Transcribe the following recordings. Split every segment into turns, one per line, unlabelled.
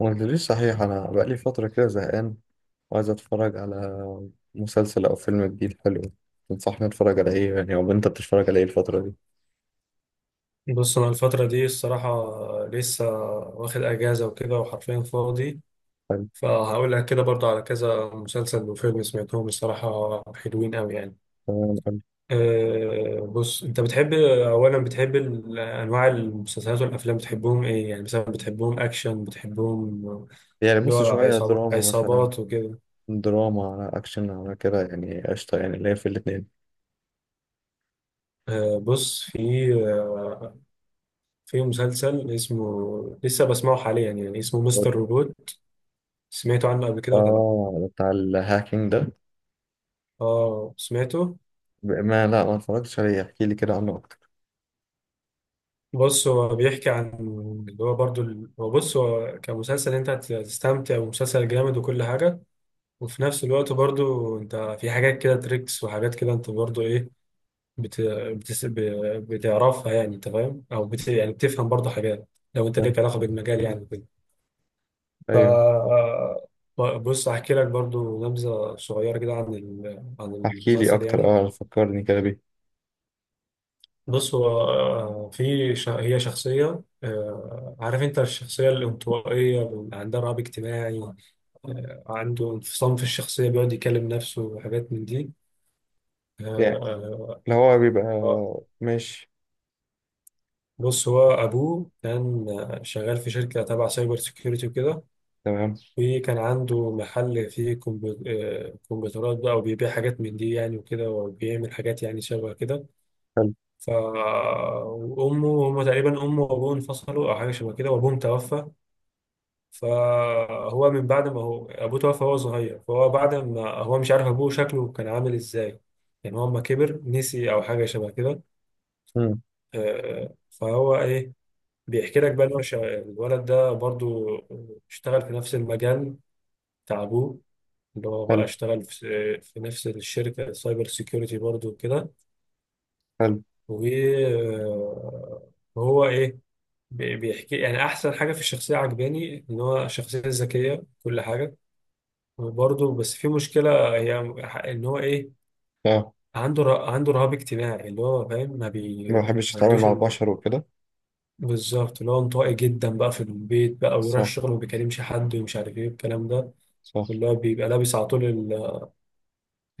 ما قلتليش صحيح؟ أنا بقالي فترة كده زهقان وعايز أتفرج على مسلسل أو فيلم جديد حلو. تنصحني أتفرج على إيه يعني؟ أو أنت بتتفرج على إيه الفترة دي؟
بص انا الفترة دي الصراحة، لسه واخد اجازة وكده وحرفيا فاضي.
حلو.
فهقول لك كده برضه على كذا مسلسل وفيلم سمعتهم الصراحة حلوين قوي يعني.
تمام أوي.
أه بص انت بتحب اولا، بتحب انواع المسلسلات والافلام، بتحبهم ايه يعني؟ مثلا بتحبهم اكشن، بتحبهم
يعني
اللي هو
بص، شوية دراما مثلا،
عصابات وكده؟
دراما على أكشن على كده يعني، قشطة يعني اللي هي في الاتنين.
أه بص في في مسلسل اسمه لسه بسمعه حاليا يعني، اسمه مستر روبوت. سمعته عنه قبل كده ولا لا؟
آه، بتاع الهاكينج ده.
اه سمعته.
ب- ما لا، ما اتفرجتش عليه، احكي لي كده عنه أكتر.
بص هو بيحكي عن اللي هو برضو ال- هو بص هو كمسلسل انت هتستمتع، ومسلسل جامد وكل حاجة. وفي نفس الوقت برضو انت في حاجات كده تريكس، وحاجات كده انت برضو ايه، بت... بتس... ب... بتعرفها يعني، انت فاهم او يعني بتفهم برضو حاجات لو انت ليك علاقة بالمجال يعني كده. ف
أيوه
بص هحكي لك برضو نبذة صغيرة كده عن عن
احكي لي
المسلسل
أكتر،
يعني.
أه فكرني كده بيه.
بص هو في هي شخصية، عارف انت الشخصية الانطوائية اللي عندها رهاب اجتماعي؟ عنده انفصام في الشخصية، بيقعد يكلم نفسه وحاجات من دي. آه،
يعني
آه،
اللي هو بيبقى.
آه،
ماشي.
بص هو أبوه كان شغال في شركة تبع سايبر سيكيورتي وكده.
تمام.
وكان عنده محل فيه كمبيوترات بقى، وبيبيع حاجات من دي يعني وكده، وبيعمل حاجات يعني شبه كده.
حلو.
ف وأمه، هما تقريبا أمه وأبوه انفصلوا أو حاجة شبه كده، وأبوهم توفى. فهو من بعد ما هو ابوه توفى وهو صغير، فهو بعد ما هو مش عارف ابوه شكله كان عامل ازاي، يعني هو لما كبر نسي او حاجه شبه كده.
مم.
فهو ايه، بيحكي لك بقى ان هو الولد ده برضو اشتغل في نفس المجال بتاع ابوه، اللي هو بقى
حلو،
اشتغل في نفس الشركه سايبر سيكيورتي برضو كده.
حلو.
وهو ايه، بيحكي يعني احسن حاجه في الشخصيه عجباني ان هو شخصيه ذكيه كل حاجه. وبرضه بس في مشكلة هي، إن هو إيه،
اه،
عنده عنده رهاب اجتماعي، اللي هو فاهم
ما
ما
بحبش اتعامل
عندوش
مع
ال-.
البشر وكده.
بالظبط، اللي هو انطوائي جدا بقى في البيت بقى، ويروح
صح،
الشغل وما بيكلمش حد، ومش عارف إيه الكلام ده.
صح.
واللي هو بيبقى لابس على طول ال-،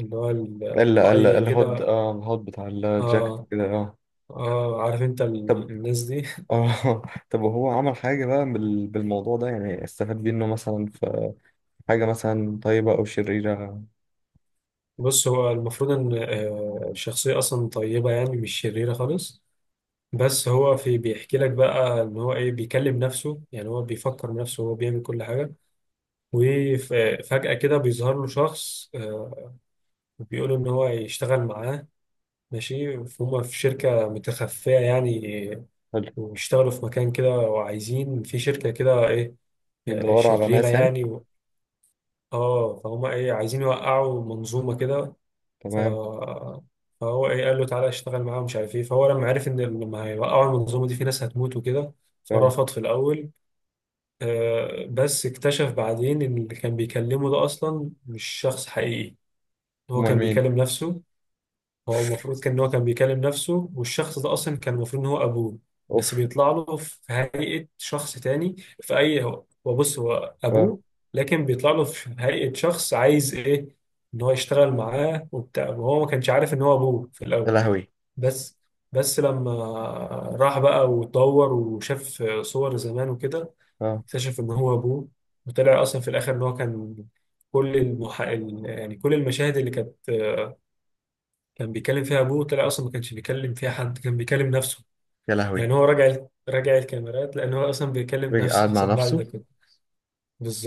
اللي هو
الا الا
الطاقية
الهود،
كده.
اه الهود بتاع الجاكيت
آه.
كده، اه.
آه عارف أنت
طب،
الناس دي.
اه طب وهو عمل حاجة بقى بالموضوع ده يعني، استفاد بيه انه مثلا في حاجة مثلا طيبة او شريرة؟
بص هو المفروض إن الشخصية أصلا طيبة يعني، مش شريرة خالص. بس هو في، بيحكي لك بقى إن هو إيه، بيكلم نفسه يعني، هو بيفكر بنفسه، هو بيعمل كل حاجة. وفجأة كده بيظهر له شخص، وبيقول إن هو يشتغل معاه. ماشي، فهم في شركة متخفية يعني،
حلو.
وبيشتغلوا في مكان كده، وعايزين في شركة كده إيه،
بيدوروا على
شريرة
ناس يعني.
يعني و-. آه فهم إيه، عايزين يوقعوا منظومة كده. ف...
تمام.
فهو إيه قال له تعالى اشتغل معاهم مش عارف إيه. فهو لما عرف إن لما هيوقعوا المنظومة دي في ناس هتموت وكده،
اه.
فرفض في الأول. بس اكتشف بعدين إن اللي كان بيكلمه ده أصلا مش شخص حقيقي، ان هو
امال
كان
مين؟
بيكلم نفسه. هو المفروض كان ان هو كان بيكلم نفسه، والشخص ده اصلا كان المفروض ان هو ابوه. بس
اوف.
بيطلع له في هيئة شخص تاني في اي، هو بص هو
اه.
ابوه، لكن بيطلع له في هيئة شخص عايز ايه، ان هو يشتغل معاه وبتاع. وهو ما كانش عارف ان هو ابوه في
يا
الاول.
لهوي.
بس بس لما راح بقى واتدور وشاف صور زمان وكده،
اه.
اكتشف ان هو ابوه. وطلع اصلا في الاخر ان هو كان كل يعني كل المشاهد اللي كانت كان بيكلم فيها ابوه، طلع اصلا ما كانش بيكلم فيها حد، كان بيكلم نفسه.
يا لهوي.
يعني هو راجع الكاميرات لان هو اصلا بيكلم
بيجي قاعد
نفسه
مع
اصلا بعد
نفسه.
ده كله.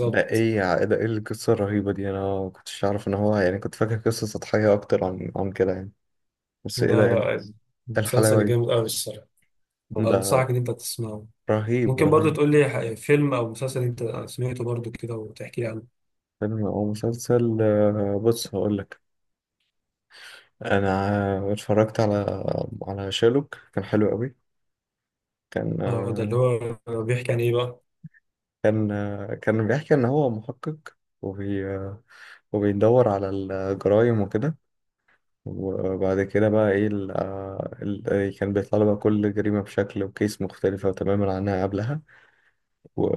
ده ايه القصة الرهيبة دي؟ انا ما كنتش اعرف ان هو، يعني كنت فاكر قصة سطحية اكتر عن كده يعني. بس
لا
ايه ده؟ إيه
لا
الحلاوة
المسلسل
دي؟
جامد قوي الصراحه.
ده
بنصحك ان انت تسمعه.
رهيب،
ممكن برضو
رهيب.
تقول لي فيلم او مسلسل انت سمعته برضو كده وتحكي لي عنه؟
فيلم او مسلسل، بص هقول لك، انا اتفرجت على شيرلوك، كان حلو قوي. كان
اه ده اللي
آه،
هو بيحكي عن ايه بقى؟
كان بيحكي ان هو محقق، وبي آه، وبيدور على الجرائم وكده. وبعد كده بقى ايه كان بيطلع له بقى كل جريمة بشكل وكيس مختلفة تماما عنها قبلها و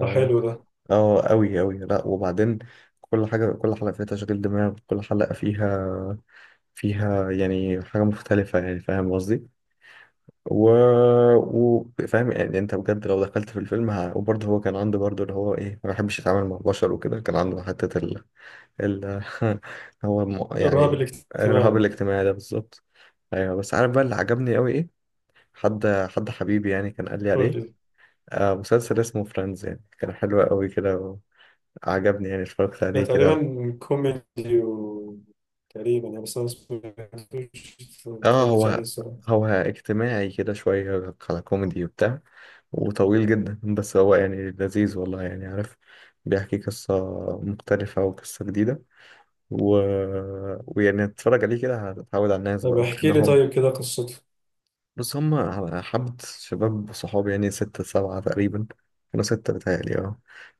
ده حلو ده.
اه، قوي قوي، لا وبعدين كل حلقة فيها تشغيل دماغ، كل حلقة فيها يعني حاجة مختلفة يعني، فاهم قصدي؟ و... فاهم يعني، انت بجد لو دخلت في الفيلم وبرضه هو كان عنده برضه اللي هو ايه، ما بيحبش يتعامل مع البشر وكده، كان عنده حتة ال...
الرهاب
يعني الرهاب
الاجتماعي.
الاجتماعي ده بالظبط. ايوه بس عارف بقى اللي عجبني قوي ايه؟ حد حبيبي يعني كان قال لي
قول
عليه،
لي.
آه مسلسل اسمه فريندز يعني، كان حلو قوي كده وعجبني، يعني اتفرجت
ده
عليه كده.
تقريبا كوميدي تقريبا يعني، بس انا ما سمعتوش ما
اه،
اتفرجتش عليه
هو
الصراحه.
هو اجتماعي كده، شوية على كوميدي وبتاع، وطويل جدا، بس هو يعني لذيذ والله يعني، عارف، بيحكي قصة مختلفة وقصة جديدة و... ويعني تتفرج عليه كده هتتعود على الناس
طب
بقى
احكي لي
وكأنهم
طيب كده قصته.
بس هم. حبة شباب صحابي يعني 6 7 تقريبا. كانوا 6 بتهيألي، اه.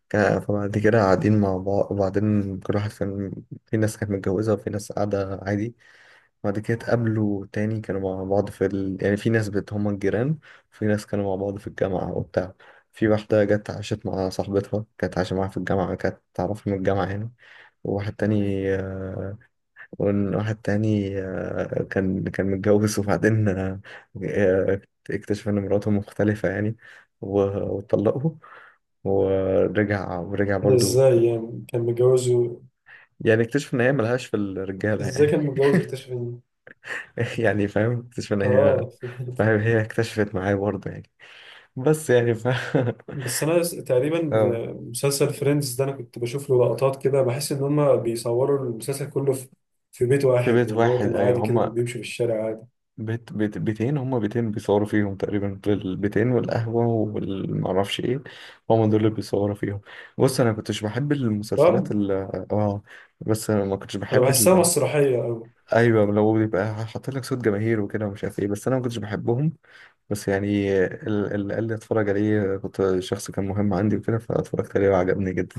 فبعد كده قاعدين مع بعض، وبعدين كل واحد كان في ناس كانت متجوزة وفي ناس قاعدة عادي. بعد كده اتقابلوا تاني، كانوا مع بعض يعني في ناس هما الجيران، وفي ناس كانوا مع بعض في الجامعة وبتاع. في واحدة جت عاشت مع صاحبتها، كانت عايشة معاها في الجامعة، كانت تعرفها من الجامعة يعني. وواحد تاني آه، وواحد تاني، كان متجوز، وبعدين آه، اكتشف إن مراته مختلفة يعني و- واتطلقوا، ورجع، ورجع
ده
برضو.
ازاي يعني كان متجوزه؟
يعني اكتشف إن هي ملهاش في الرجالة
ازاي
يعني
كان متجوز اكتشف ان،
يعني فاهم، اكتشف ان هي،
اه
فاهم هي اكتشفت معايا برضه يعني، بس يعني
بس انا تقريبا
اه،
مسلسل فريندز ده انا كنت بشوف له لقطات كده، بحس ان هما بيصوروا المسلسل كله في في بيت
في
واحد،
بيت
ولا هو
واحد،
كان عادي
ايوه
كده كان
هما
بيمشي في الشارع عادي؟
بيتين، هما بيتين بيصوروا فيهم تقريبا، البيتين والقهوه والمعرفش ايه، هما دول اللي بيصوروا فيهم. بص انا كنتش بحب
صح؟
المسلسلات ال اه بس انا ما كنتش
انا
بحب
بحسها مسرحية أوي.
ايوه لو بيبقى حاطط لك صوت جماهير وكده ومش عارف ايه، بس انا ما كنتش بحبهم. بس يعني اللي قال لي اتفرج عليه كنت شخص كان مهم عندي وكده، فاتفرجت عليه وعجبني جدا.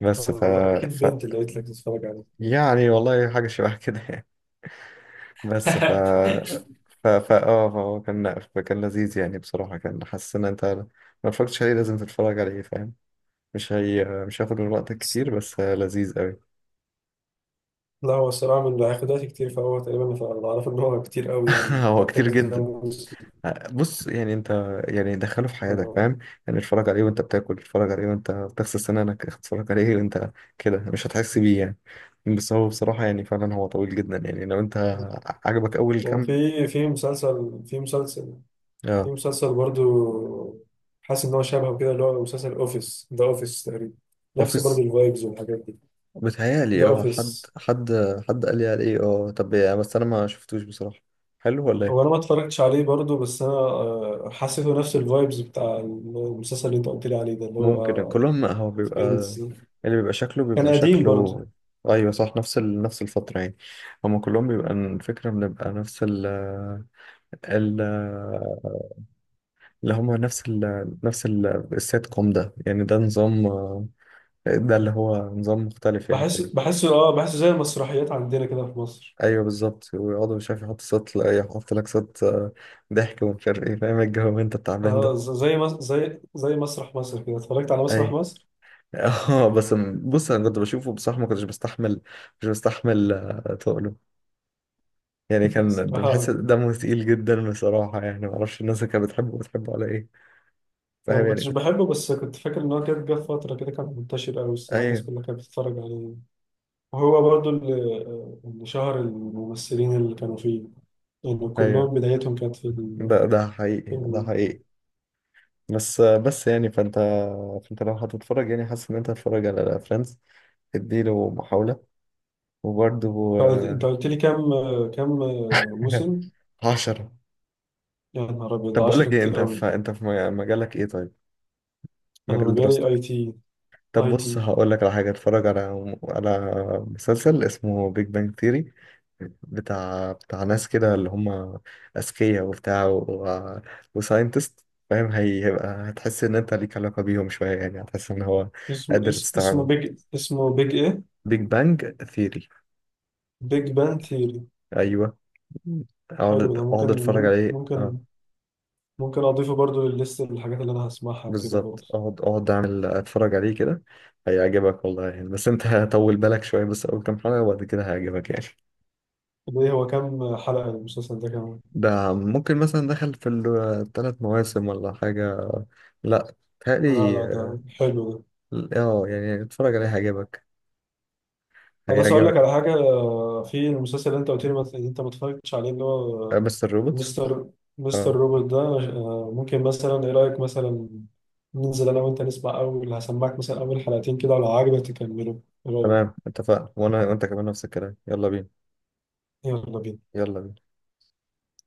بس
اكيد
ف...
بنت اللي قلت لك تتفرج عليه.
يعني والله حاجة شبه كده يعني. بس ف ف ف اه فهو كان، كان لذيذ يعني بصراحة، كان حاسس ان انت ما اتفرجتش عليه لازم تتفرج عليه فاهم. مش هياخد من وقتك
بس-.
كتير، بس لذيذ قوي.
لا هو الصراحة من اللي هياخد وقت كتير، فهو تقريبا أنا أعرف إن هو كتير أوي يعني،
هو كتير
فكذا
جدا.
موسم.
بص يعني انت، يعني دخله في حياتك
آه.
فاهم، يعني اتفرج عليه وانت بتاكل، اتفرج عليه وانت بتغسل سنانك، اتفرج عليه وانت كده مش هتحس بيه يعني. بس هو بصراحة يعني فعلا هو طويل جدا يعني، لو انت عجبك اول كام،
وفي في مسلسل في مسلسل في
اه.
مسلسل برضو حاسس ان هو شبهه كده، اللي هو مسلسل اوفيس، ذا اوفيس تقريبا، نفس برضو
اوفيس؟
الفايبز والحاجات دي. ذا
بتهيألي اه، حد
اوفيس.
حد حد قال لي عليه، اه طب يعني بس انا ما شفتوش بصراحة، حلو ولا
هو انا
ايه؟
ما اتفرجتش عليه برضو، بس انا حسيته نفس الفايبز بتاع المسلسل اللي انت قلت لي عليه ده، اللي
ممكن
هو
كلهم هو بيبقى،
فريندز.
اللي بيبقى شكله
كان
بيبقى
قديم برضو.
شكله ايوه صح، نفس الفترة يعني، هما كلهم بيبقى، الفكرة بنبقى نفس ال ال اللي هما نفس ال نفس ال السيت كوم ده يعني، ده نظام، ده اللي هو نظام مختلف يعني
بحس
كله.
بحسه اه بحسه زي المسرحيات عندنا كده في مصر.
ايوه بالظبط، ويقعدوا مش عارف يحط صوت، لا يحط لك صوت، ضحك ومش عارف ايه، فاهم الجو انت التعبان
آه
ده؟
ز- زي مس- زي زي مسرح مصر كده. اتفرجت على مسرح
اي،
مصر.
اه، بس بص انا كنت بشوفه بصراحه ما كنتش بستحمل، مش بستحمل تقله، يعني كان بحس
بصراحة،
دمه تقيل جدا بصراحه يعني، ما اعرفش الناس اللي كانت بتحبه على ايه،
انا
فاهم
ما
يعني
كنتش
كنت.
بحبه، بس كنت فاكر ان هو كان جه في فتره كده كان منتشر قوي الصراحه، الناس
ايوه،
كلها كانت بتتفرج عليه. وهو برضو اللي شهر الممثلين اللي كانوا فيه، يعني
ايوه،
كلهم بدايتهم كانت في
ده حقيقي،
في
ده
ال-.
حقيقي. بس بس يعني فانت لو هتتفرج، يعني حاسس ان انت هتتفرج على فريندز، اديله محاوله وبرده.
انت قلت أنت قلت لي كام، كام موسم؟
10.
يا نهار ابيض،
طب بقول
10
لك ايه،
كتير
انت
قوي.
في انت في مجالك ايه طيب؟
انا
مجال
مجالي اي
دراستك؟
تي.
طب
اي
بص
تي.
هقول لك على حاجة، اتفرج على مسلسل اسمه بيج بانج ثيري، بتاع ناس كده اللي هم أذكياء وبتاع وساينتست، فاهم. هيبقى هتحس إن أنت ليك علاقة بيهم شوية يعني، هتحس إن هو
اسمه
قادر تستوعبهم.
بيج، اسمه بيج ايه؟
بيج بانج ثيري.
بيج بان ثيوري.
أيوه، اقعد
حلو ده، ممكن،
اقعد اتفرج عليه، اه.
ممكن ممكن اضيفه برضو للليست الحاجات اللي انا هسمعها وكده برضو.
بالظبط، اقعد اقعد اعمل اتفرج عليه كده، هيعجبك والله يعني، بس انت هطول بالك شويه بس اول كام حلقه وبعد كده هيعجبك يعني.
ليه، هو كام حلقة المسلسل ده كمان؟
ده ممكن مثلا دخل في الثلاث مواسم ولا حاجة. لا،
لا
تهيألي
لا،
اه.
ده حلو ده.
يعني اتفرج عليه هيعجبك،
خلاص أقول
هيعجبك.
لك على حاجة. في المسلسل اللي أنت قلت لي اللي أنت ما اتفرجتش عليه، اللي هو
بس الروبوت.
مستر مستر
اه،
روبوت ده، ممكن مثلا، إيه رأيك مثلا ننزل أنا وأنت نسمع أول، هسمعك مثلا أول حلقتين كده، ولو عجبك تكمله. إيه رأيك؟
تمام اتفقنا، وانا وانت كمان نفس الكلام. يلا بينا،
يلا بينا.
يلا بينا.